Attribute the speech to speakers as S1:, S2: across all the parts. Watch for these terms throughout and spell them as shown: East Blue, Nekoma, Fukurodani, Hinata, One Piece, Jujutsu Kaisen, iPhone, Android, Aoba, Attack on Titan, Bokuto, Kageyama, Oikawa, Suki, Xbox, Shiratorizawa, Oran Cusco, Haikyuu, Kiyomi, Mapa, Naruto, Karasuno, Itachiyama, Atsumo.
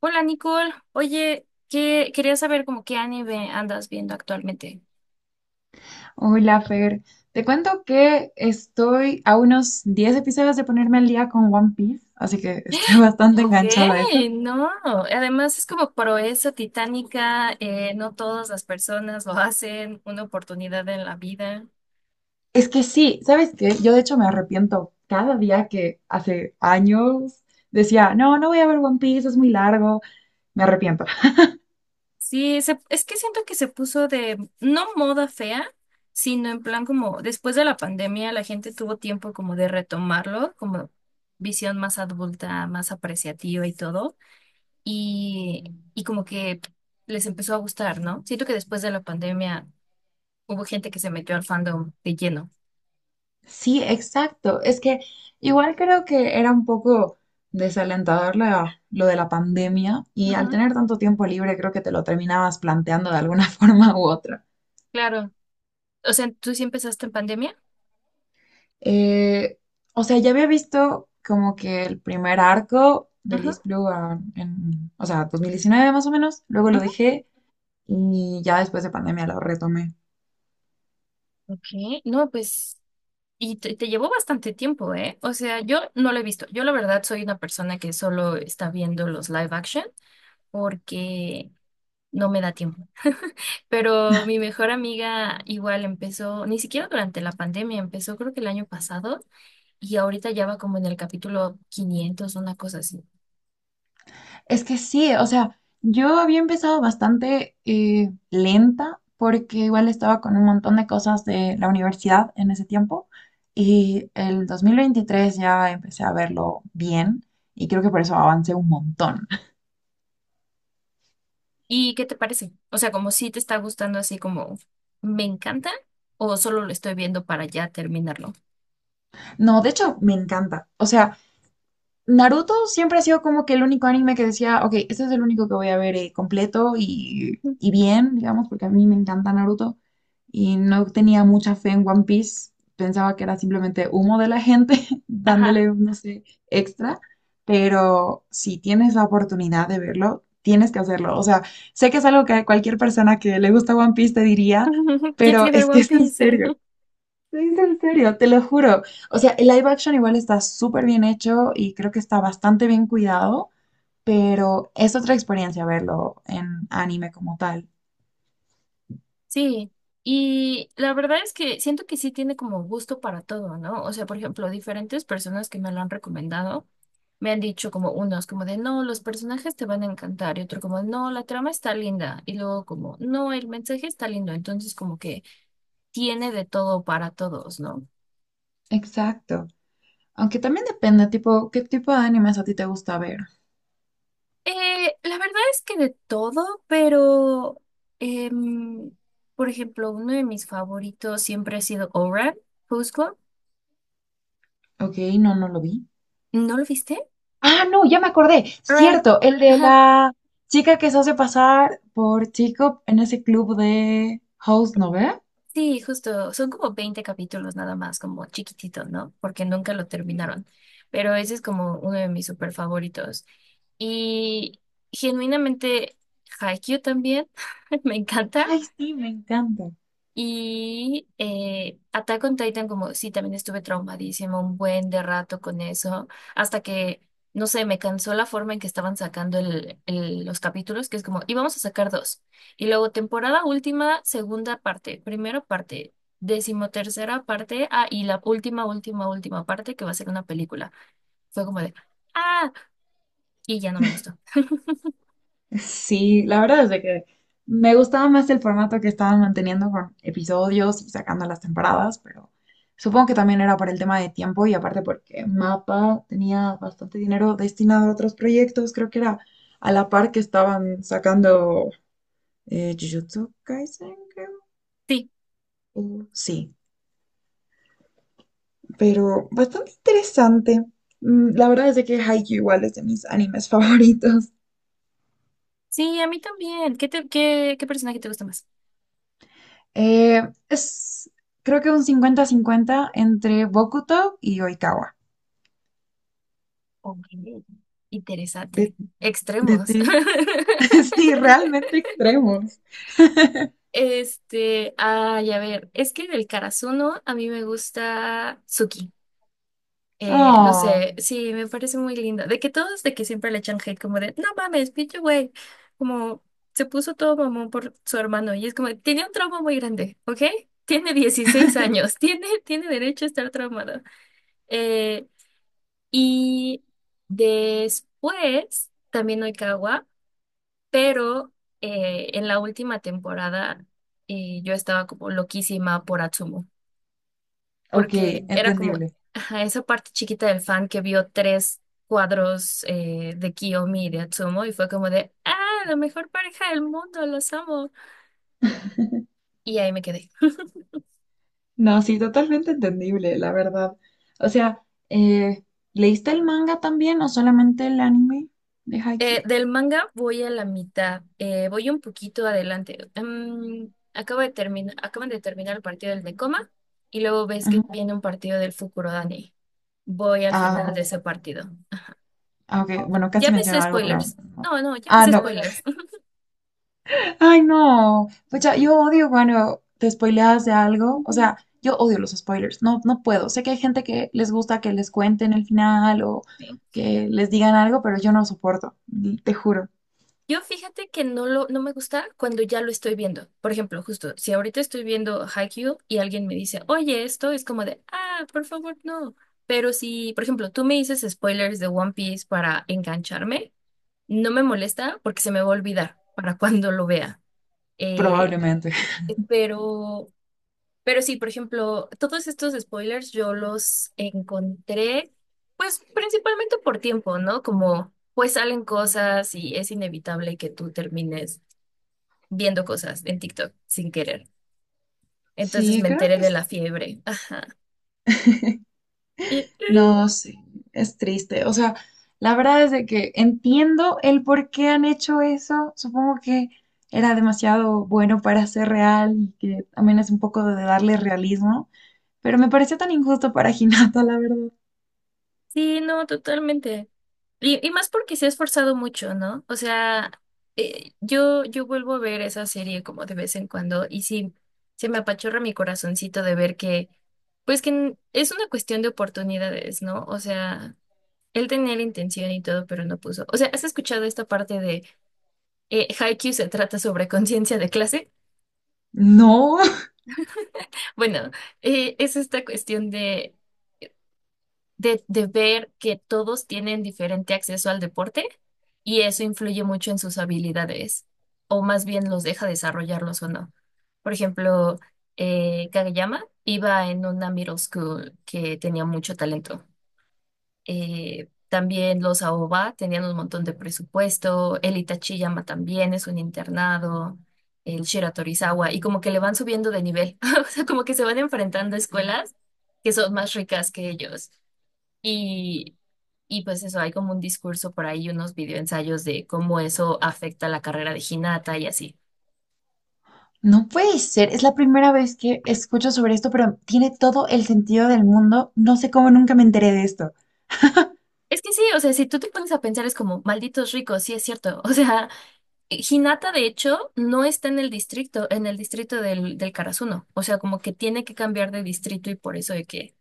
S1: Hola Nicole, oye, que quería saber como qué anime andas viendo actualmente.
S2: Hola, Fer. Te cuento que estoy a unos 10 episodios de ponerme al día con One Piece, así que estoy bastante
S1: Ok,
S2: enganchada a eso.
S1: no, además es como proeza titánica, no todas las personas lo hacen, una oportunidad en la vida.
S2: Es que sí, ¿sabes qué? Yo de hecho me arrepiento cada día que hace años decía, no, no voy a ver One Piece, es muy largo, me arrepiento.
S1: Sí, es que siento que se puso de, no moda fea, sino en plan como después de la pandemia la gente tuvo tiempo como de retomarlo, como visión más adulta, más apreciativa y todo. y, y como que les empezó a gustar, ¿no? Siento que después de la pandemia hubo gente que se metió al fandom de lleno.
S2: Sí, exacto. Es que igual creo que era un poco desalentador lo de la pandemia y al
S1: Ujú,
S2: tener tanto tiempo libre creo que te lo terminabas planteando de alguna forma u otra.
S1: claro. O sea, ¿tú sí empezaste en pandemia?
S2: Eh, o sea, ya había visto como que el primer arco de
S1: Ujú,
S2: East Blue, o sea, 2019 más o menos, luego lo
S1: ujú.
S2: dejé y ya después de pandemia lo retomé.
S1: Ok, no, pues, y te llevó bastante tiempo, ¿eh? O sea, yo no lo he visto. Yo la verdad soy una persona que solo está viendo los live action porque no me da tiempo. Pero mi mejor amiga igual empezó, ni siquiera durante la pandemia, empezó creo que el año pasado. Y ahorita ya va como en el capítulo 500, una cosa así.
S2: Es que sí, o sea, yo había empezado bastante lenta porque igual estaba con un montón de cosas de la universidad en ese tiempo y el 2023 ya empecé a verlo bien y creo que por eso avancé un montón.
S1: ¿Y qué te parece? O sea, como si te está gustando así como "me encanta" o "solo lo estoy viendo para ya terminarlo".
S2: No, de hecho, me encanta. O sea... Naruto siempre ha sido como que el único anime que decía, ok, este es el único que voy a ver completo y bien, digamos, porque a mí me encanta Naruto y no tenía mucha fe en One Piece. Pensaba que era simplemente humo de la gente
S1: Ajá.
S2: dándole, no sé, extra. Pero si tienes la oportunidad de verlo, tienes que hacerlo. O sea, sé que es algo que cualquier persona que le gusta One Piece te diría,
S1: Tienes
S2: pero
S1: que ver
S2: es que
S1: One
S2: es en
S1: Piece.
S2: serio. Te en serio, te lo juro. O sea, el live action igual está súper bien hecho y creo que está bastante bien cuidado, pero es otra experiencia verlo en anime como tal.
S1: Sí, y la verdad es que siento que sí tiene como gusto para todo, ¿no? O sea, por ejemplo, diferentes personas que me lo han recomendado me han dicho, como unos como de no, los personajes te van a encantar, y otro como no, la trama está linda, y luego como no, el mensaje está lindo. Entonces como que tiene de todo para todos, ¿no?
S2: Exacto. Aunque también depende, tipo, qué tipo de animes a ti te gusta ver.
S1: La verdad es que de todo, pero em, por ejemplo, uno de mis favoritos siempre ha sido Oran, Cusco.
S2: Ok, no, no lo vi.
S1: ¿No lo viste?
S2: Ah, no, ya me acordé.
S1: Oran,
S2: Cierto, el de
S1: ajá,
S2: la chica que se hace pasar por chico en ese club de House, ¿no ve?
S1: sí, justo, son como 20 capítulos nada más, como chiquitito, ¿no? Porque nunca lo terminaron, pero ese es como uno de mis super favoritos. Y genuinamente Haikyuu también, me encanta.
S2: Ay, sí, me encanta.
S1: Y Attack on Titan, como sí, también estuve traumadísima un buen de rato con eso, hasta que, no sé, me cansó la forma en que estaban sacando los capítulos, que es como, íbamos a sacar dos. Y luego temporada última, segunda parte, primera parte, decimotercera parte, y la última, última, última parte, que va a ser una película. Fue como de, ah, y ya no me gustó.
S2: Sí, la verdad es de que me gustaba más el formato que estaban manteniendo con episodios y sacando las temporadas, pero supongo que también era por el tema de tiempo y aparte porque Mapa tenía bastante dinero destinado a otros proyectos, creo que era a la par que estaban sacando Jujutsu Kaisen, creo.
S1: Sí,
S2: Sí, pero bastante interesante. Mm, la verdad es de que Haikyuu igual es de mis animes favoritos.
S1: sí, a mí también. ¿Qué, qué personaje te gusta más?
S2: Eh, es, creo que un 50-50 entre Bokuto y Oikawa.
S1: Ok, interesante.
S2: De, de
S1: Extremos.
S2: ti. Sí, realmente extremos.
S1: Este, ay, a ver, es que del Karasuno a mí me gusta Suki. No
S2: Oh,
S1: sé, sí, me parece muy linda. De que todos, de que siempre le echan hate, como de, no mames, pinche güey. Como se puso todo mamón por su hermano y es como, tiene un trauma muy grande, ¿ok? Tiene 16 años, tiene, tiene derecho a estar traumado. Eh, y después, también Oikawa. Pero en la última temporada, yo estaba como loquísima por Atsumo,
S2: ok,
S1: porque era como,
S2: entendible.
S1: ajá, esa parte chiquita del fan que vio tres cuadros, de Kiyomi y de Atsumo, y fue como de, la mejor pareja del mundo, los amo. Y ahí me quedé.
S2: No, sí, totalmente entendible, la verdad. O sea, eh, ¿leíste el manga también o solamente el anime de Haikyuu?
S1: Del manga voy a la mitad, voy un poquito adelante. Acabo de terminar, acaban de terminar el partido del Nekoma y luego ves
S2: Ujú.
S1: que viene un partido del Fukurodani. Voy al
S2: Ah,
S1: final de
S2: ok.
S1: ese partido.
S2: Ah, ok. Bueno, casi
S1: Ya me sé
S2: menciono algo, pero
S1: spoilers.
S2: no.
S1: No, no, ya me
S2: Ah,
S1: sé
S2: no.
S1: spoilers.
S2: Ay, no. Pues yo odio cuando te spoileas de algo. O
S1: Ujú.
S2: sea, yo odio los spoilers. No, no puedo. Sé que hay gente que les gusta que les cuenten el final o
S1: Sí.
S2: que les digan algo, pero yo no lo soporto. Te juro.
S1: Yo fíjate que no lo, no me gusta cuando ya lo estoy viendo. Por ejemplo, justo, si ahorita estoy viendo Haikyuu y alguien me dice, oye, esto es como de, ah, por favor, no. Pero si, por ejemplo, tú me dices spoilers de One Piece para engancharme, no me molesta porque se me va a olvidar para cuando lo vea. Eh,
S2: Probablemente.
S1: pero Pero sí, por ejemplo, todos estos spoilers yo los encontré, pues principalmente por tiempo, ¿no? Como pues salen cosas y es inevitable que tú termines viendo cosas en TikTok sin querer. Entonces
S2: Sí,
S1: me enteré de la fiebre.
S2: no, sé. Es triste. O sea, la verdad es de que entiendo el por qué han hecho eso. Supongo que era demasiado bueno para ser real y que también es un poco de darle realismo. Pero me pareció tan injusto para Hinata, la verdad.
S1: Sí, no, totalmente. Y más porque se ha esforzado mucho, ¿no? O sea, yo, yo vuelvo a ver esa serie como de vez en cuando y sí, se me apachorra mi corazoncito de ver que, pues que es una cuestión de oportunidades, ¿no? O sea, él tenía la intención y todo, pero no puso. O sea, ¿has escuchado esta parte de Haikyuu se trata sobre conciencia de clase?
S2: No,
S1: Bueno, es esta cuestión de ver que todos tienen diferente acceso al deporte, y eso influye mucho en sus habilidades, o más bien los deja desarrollarlos o no. Por ejemplo, Kageyama iba en una middle school que tenía mucho talento. También los Aoba tenían un montón de presupuesto, el Itachiyama también es un internado. El Shiratorizawa, y como que le van subiendo de nivel, o sea, como que se van enfrentando a escuelas que son más ricas que ellos. Y, y pues eso, hay como un discurso por ahí, unos videoensayos de cómo eso afecta la carrera de Hinata y así.
S2: no puede ser. Es la primera vez que escucho sobre esto, pero tiene todo el sentido del mundo. No sé cómo nunca me enteré de esto.
S1: Es que sí, o sea, si tú te pones a pensar es como, malditos ricos, sí es cierto. O sea, Hinata, de hecho, no está en el distrito del, del Karasuno. O sea, como que tiene que cambiar de distrito y por eso de que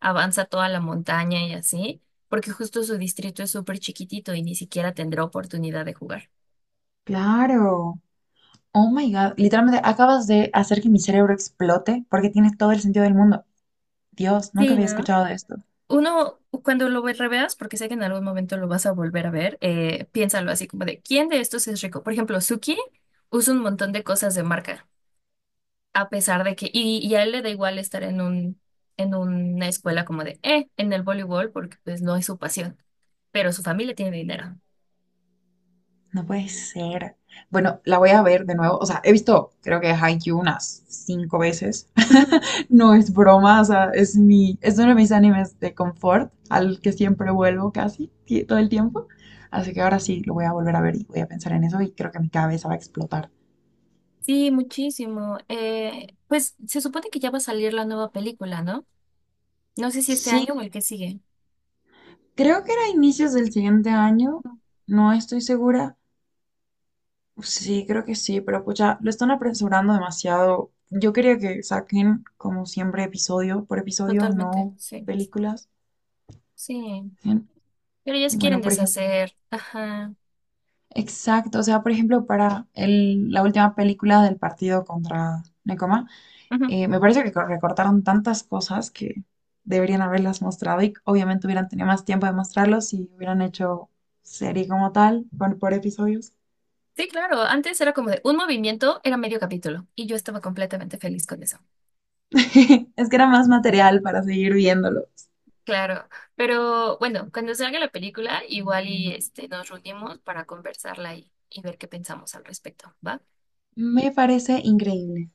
S1: avanza toda la montaña y así, porque justo su distrito es súper chiquitito y ni siquiera tendrá oportunidad de jugar.
S2: Claro. Oh my God. Literalmente acabas de hacer que mi cerebro explote porque tiene todo el sentido del mundo. Dios, nunca
S1: Sí,
S2: había
S1: ¿no?
S2: escuchado de esto.
S1: Uno, cuando lo reveas, porque sé que en algún momento lo vas a volver a ver, piénsalo así como de, ¿quién de estos es rico? Por ejemplo, Suki usa un montón de cosas de marca, a pesar de que, y a él le da igual estar en una escuela como de, en el voleibol, porque pues no es su pasión, pero su familia tiene dinero.
S2: No puede ser. Bueno, la voy a ver de nuevo. O sea, he visto, creo que Haikyuu unas cinco veces.
S1: Ujú.
S2: No es broma, o sea, es uno de mis animes de confort, al que siempre vuelvo casi todo el tiempo. Así que ahora sí lo voy a volver a ver y voy a pensar en eso y creo que mi cabeza va a explotar.
S1: Sí, muchísimo. Pues se supone que ya va a salir la nueva película, ¿no? No sé si este
S2: Sí,
S1: año o el que sigue.
S2: creo que era inicios del siguiente año,
S1: No,
S2: no estoy segura. Sí, creo que sí, pero pucha, lo están apresurando demasiado. Yo quería que saquen, como siempre, episodio por episodio,
S1: totalmente,
S2: no
S1: sí.
S2: películas.
S1: Sí.
S2: En-
S1: Pero ya se
S2: Bueno,
S1: quieren
S2: por ejemplo,
S1: deshacer. Ajá.
S2: exacto, o sea, por ejemplo, para la última película del partido contra Nekoma,
S1: Ujú.
S2: me parece que recortaron tantas cosas que deberían haberlas mostrado y obviamente hubieran tenido más tiempo de mostrarlos si hubieran hecho serie como tal, por episodios.
S1: Sí, claro. Antes era como de un movimiento, era medio capítulo. Y yo estaba completamente feliz con eso.
S2: Es que era más material para seguir viéndolo.
S1: Claro. Pero bueno, cuando salga la película, igual y este, nos reunimos para conversarla y ver qué pensamos al respecto. ¿Va?
S2: Me parece increíble.